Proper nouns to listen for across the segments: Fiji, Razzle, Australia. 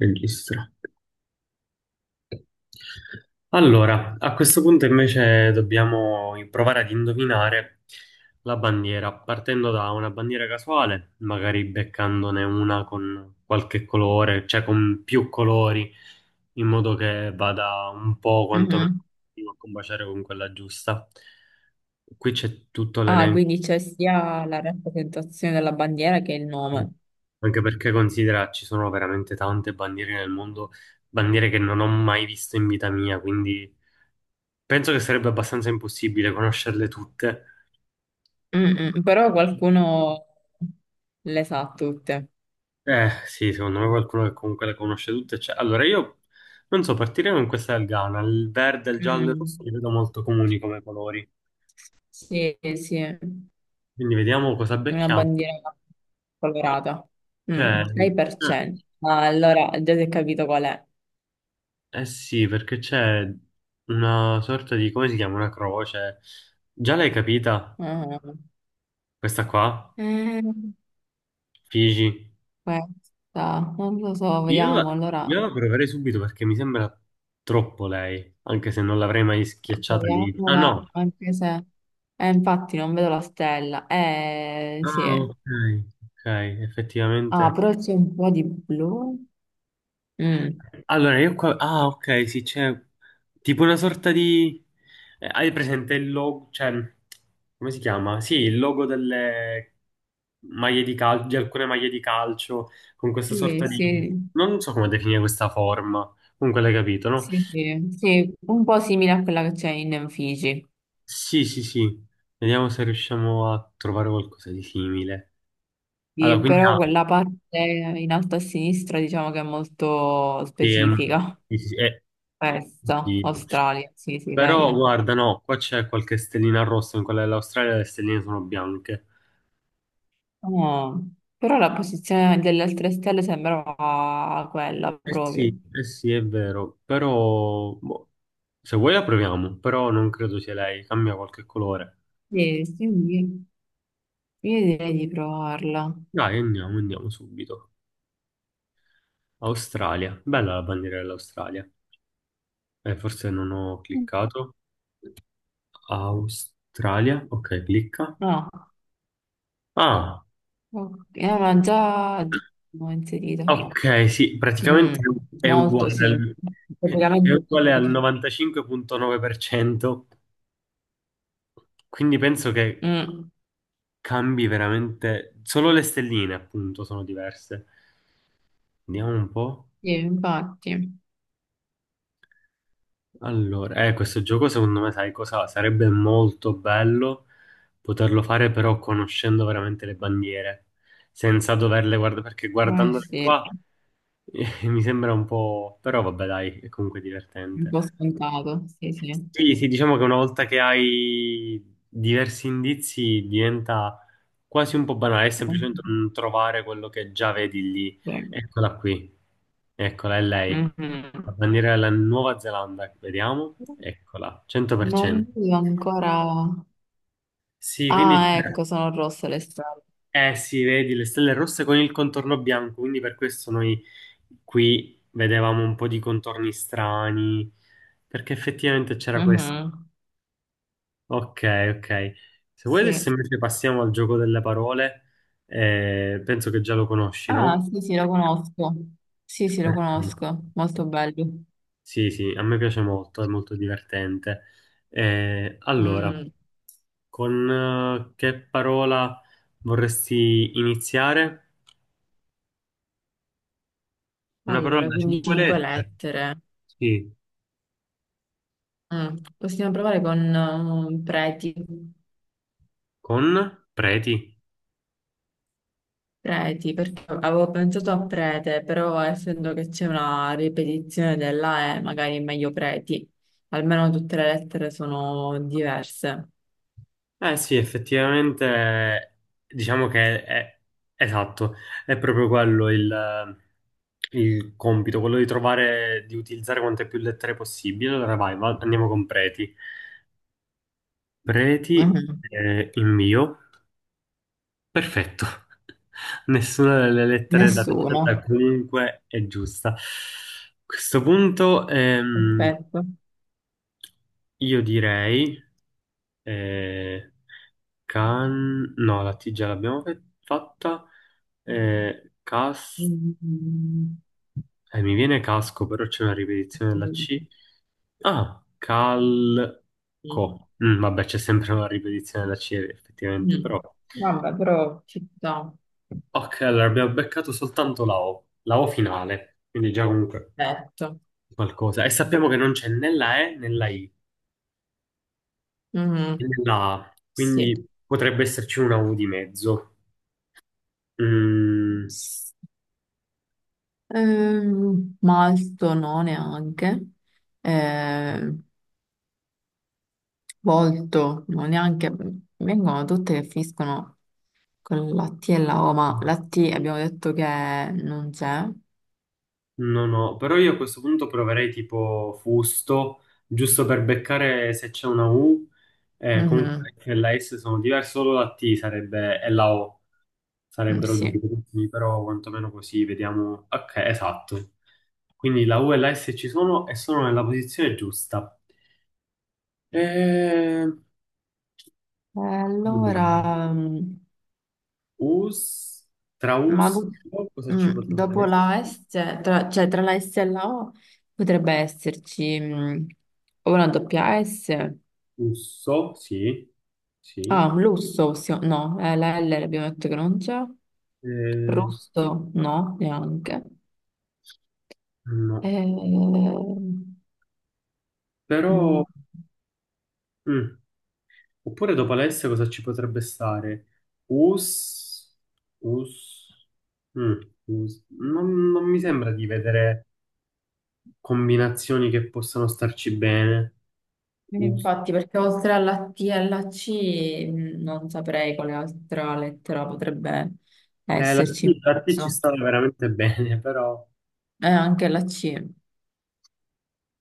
Registra. Allora, a questo punto invece dobbiamo provare ad indovinare la bandiera, partendo da una bandiera casuale, magari beccandone una con qualche colore, cioè con più colori, in modo che vada un po' quantomeno Mhm. a combaciare con quella giusta. Qui c'è tutto Ah, l'elenco, quindi c'è sia la rappresentazione della bandiera che il nome. anche perché considera ci sono veramente tante bandiere nel mondo, bandiere che non ho mai visto in vita mia, quindi... Penso che sarebbe abbastanza impossibile conoscerle tutte. Mm, mm, però qualcuno le sa tutte. Sì, secondo me qualcuno che comunque le conosce tutte c'è. Allora, io non so, partiremo in questa del Ghana. Il verde, il giallo e il Mm. rosso li vedo molto comuni come colori. Sì, sì, Quindi vediamo cosa una becchiamo. bandiera colorata. Ok. Mm, Eh 6%. Ah, allora, già si è capito qual è. eh sì, perché c'è una sorta di, come si chiama? Una croce. Già l'hai capita? Ah. Questa qua? Eh, Figi. questa, non lo so, Io la, vediamo, allora, io la proverei subito perché mi sembra troppo lei, anche se non l'avrei mai schiacciata lì. Ah proviamola, no. anche se. Infatti non vedo la stella. Sì. Ah, ok, ok, Ah, effettivamente. però c'è un po' di blu. Mm. Allora, io qua... Ah, ok, sì, c'è tipo una sorta di... hai presente il logo, cioè, come si chiama? Sì, il logo delle maglie di calcio, di alcune maglie di calcio, con questa Sì, sorta di... sì, Non so come definire questa forma, comunque l'hai capito, no? sì, sì, sì, un po' simile a quella che c'è in Fiji. Sì, sì, sì, vediamo se riusciamo a trovare qualcosa di simile. Allora, Sì, quindi... però ah, quella parte in alto a sinistra diciamo che è molto sì, specifica. sì, sì, sì, Questa, sì. Australia, sì, sì, Però lei è. guarda, no, qua c'è qualche stellina rossa, in quella dell'Australia le stelline sono bianche. Oh, però la posizione delle altre stelle sembrava quella Sì, proprio. eh sì, è vero, però boh, se vuoi la proviamo, però non credo sia lei, cambia qualche colore. Sì, sì, io direi di provarla. Dai, andiamo, andiamo subito. Australia, bella la bandiera dell'Australia. Forse non ho cliccato. Australia, ok, clicca. No, Ah, ok, ma già l'ho inserita. ok, sì, Mm, praticamente è molto uguale sì, al, è praticamente uguale al identiche. 95.9%. Quindi penso che Mm, cambi veramente. Solo le stelline, appunto, sono diverse. Vediamo un po'. sì, infatti, Allora, questo gioco secondo me, sai cosa? Sarebbe molto bello poterlo fare, però conoscendo veramente le bandiere, senza doverle guardare, perché ma guardandole sì, qua mi sembra un po'. Però vabbè, dai, è comunque un divertente. po' scontato, sì, sì. Sì, sì, diciamo che una volta che hai diversi indizi diventa quasi un po' banale, è semplicemente un trovare quello che già vedi lì. Ok. Eccola qui, eccola, è lei. La Mhm. bandiera della Nuova Zelanda, vediamo, eccola, Non 100%. vedo ancora. Sì, quindi, Ah, ecco, sono rosse le strade. eh sì, vedi le stelle rosse con il contorno bianco, quindi per questo noi qui vedevamo un po' di contorni strani, perché effettivamente c'era questo. Mhm, Ok, ok. Se vuoi adesso sì. invece passiamo al gioco delle parole, penso che già lo conosci, no? Ah, sì, sì, lo conosco. Sì, sì, lo Perché- conosco, molto bello. Sì, sì, a me piace molto, è molto divertente. Allora, Mm, con che parola vorresti iniziare? Una parola allora, da quindi cinque cinque lettere? lettere. Sì, Mm, possiamo provare con preti. con preti. Preti, perché avevo pensato a prete, però essendo che c'è una ripetizione della E, magari è meglio preti, almeno tutte le lettere sono diverse. Eh sì, effettivamente, diciamo esatto, è proprio quello il compito, quello di trovare, di utilizzare quante più lettere possibile. Allora vai, andiamo con preti. Preti, Mhm. Perfetto. Nessuna delle lettere da scelta Nessuno. comunque è giusta. A questo punto, Perfetto. io direi. Eh, can... No, la T già l'abbiamo fatta. Cas... Mm. Mi viene casco, però c'è una ripetizione della Mm. C. Ah, calco. Mm, vabbè, c'è sempre una ripetizione della C, effettivamente, Mm. però... Vabbè, però città, Ok, allora abbiamo beccato soltanto la O finale, quindi già comunque letto. qualcosa. E sappiamo che non c'è né la E né la I né Mhm, la A, sì. quindi potrebbe esserci una U di mezzo. Mm. Malto no neanche. Ehm, Molto, non neanche, vengono tutte che finiscono con la T e la O, ma la T abbiamo detto che non c'è. No, no, però io a questo punto proverei tipo fusto, giusto per beccare se c'è una U, comunque Mhm, la F e la S sono diverse, solo la T sarebbe, e la O mm, sarebbero sì. due E gruppi, però quantomeno così vediamo. Ok, esatto. Quindi la U e la S ci sono e sono nella posizione giusta. Eh, allora, allora, us, tra ma us, do- cosa ci potrebbe dopo essere? la S, tra, cioè tra la S e la O potrebbe esserci o una doppia S, Usso, sì, ah, sì. un lusso, no, la L abbiamo detto che non c'è, Eh, rosso no, neanche. E. no. Però, Mm, mm, oppure dopo Alessia cosa ci potrebbe stare? Us, Us, mm, Us. Non, non mi sembra di vedere combinazioni che possano starci bene. Us. infatti, perché oltre alla T e alla C non saprei quale altra lettera potrebbe T, esserci in la T ci mezzo. stava veramente bene, però... E anche la C,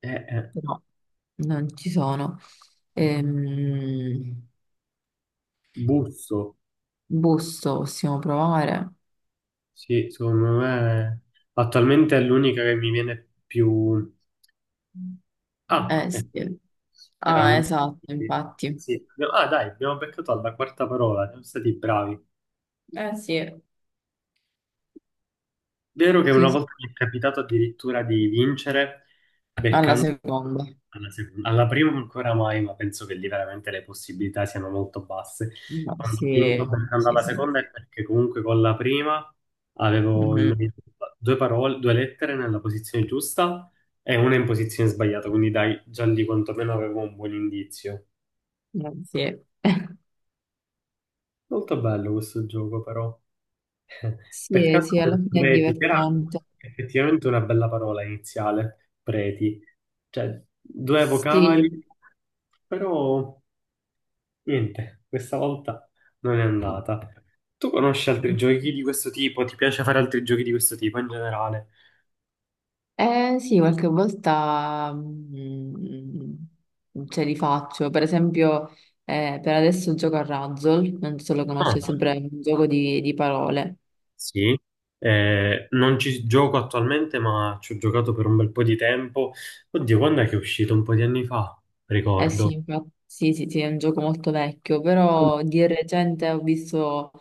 eh. però non ci sono. Ehm, Busso, Busto possiamo provare. sì, secondo me attualmente è l'unica che mi viene più... Ah, Eh ecco, sì. era Ah, l'unico. esatto, infatti. Sì. Ah, dai, abbiamo beccato alla quarta parola, siamo stati bravi. Eh sì. Vero che una Sì, sì. volta mi è capitato addirittura di vincere Alla beccando seconda. alla seconda. Alla prima ancora mai, ma penso che lì veramente le possibilità siano molto basse. No, Quando ho vinto sì, beccando sì, alla sì. seconda è perché comunque con la prima avevo Mhm. indovinato due parole, due lettere nella posizione giusta e una in posizione sbagliata, quindi dai, già lì quantomeno avevo un buon indizio. Sì. Molto bello questo gioco, però. Sì, Peccato sì, alla per fine è preti, che era divertente. effettivamente una bella parola iniziale, preti. Cioè, due Sì, vocali, però niente, questa volta non è andata. Tu conosci altri giochi di questo tipo? Ti piace fare altri giochi di questo tipo in generale? eh sì, qualche volta ce li faccio. Per esempio, per adesso gioco a Razzle, non so se lo conosci, è Ah, sempre un gioco di parole. sì. Non ci gioco attualmente, ma ci ho giocato per un bel po' di tempo. Oddio, quando è che è uscito? Un po' di anni fa, Eh ricordo. sì, infatti, sì, sì, sì, è un gioco molto vecchio, però di recente ho visto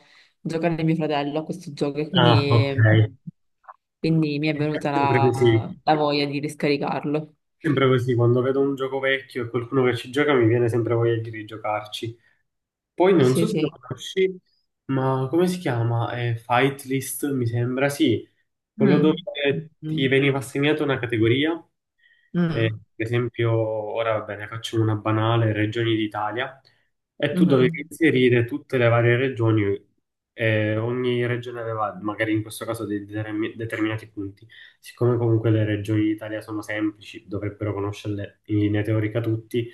giocare mio fratello a questo gioco e Ah, ok. quindi mi è È venuta sempre la, così. la voglia di riscaricarlo. Sempre così, quando vedo un gioco vecchio e qualcuno che ci gioca mi viene sempre voglia di rigiocarci. Poi non so Sì, se lo sì. conosci, ma come si chiama? Fight List, mi sembra, sì. Quello Mm. dove ti Mm. veniva assegnata una categoria. Mm. Per esempio, ora va bene, facciamo una banale, regioni d'Italia, e tu dovevi Mhm. inserire tutte le varie regioni, e ogni regione aveva magari in questo caso dei determinati punti. Siccome comunque le regioni d'Italia sono semplici, dovrebbero conoscerle in linea teorica tutti,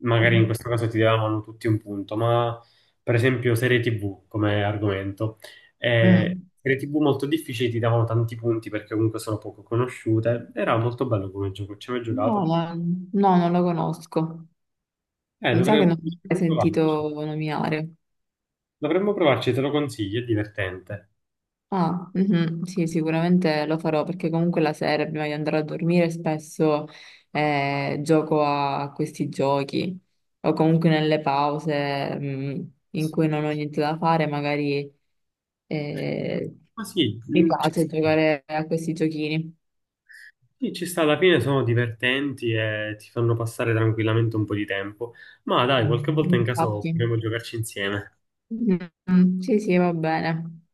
magari in Sì. questo caso ti davano tutti un punto, ma per esempio serie TV come argomento. E Mm. serie TV molto difficili, ti davano tanti punti perché comunque sono poco conosciute. Era molto bello come gioco, ci hai mai No, giocato? ma no, non lo conosco. Mi sa che non l'ho mai Dovremmo provarci. sentito nominare. Dovremmo provarci, te lo consiglio, è divertente. Ah, mhm, sì, sicuramente lo farò perché comunque la sera prima di andare a dormire spesso gioco a questi giochi o comunque nelle pause in cui non ho niente da fare, magari eh, Ma sì, mi mm, ci piace sta. giocare a questi giochini. Sì, ci sta, alla fine sono divertenti e ti fanno passare tranquillamente un po' di tempo. Ma dai, qualche volta in caso Infatti. potremmo giocarci insieme. Mhm, sì, sì, va bene.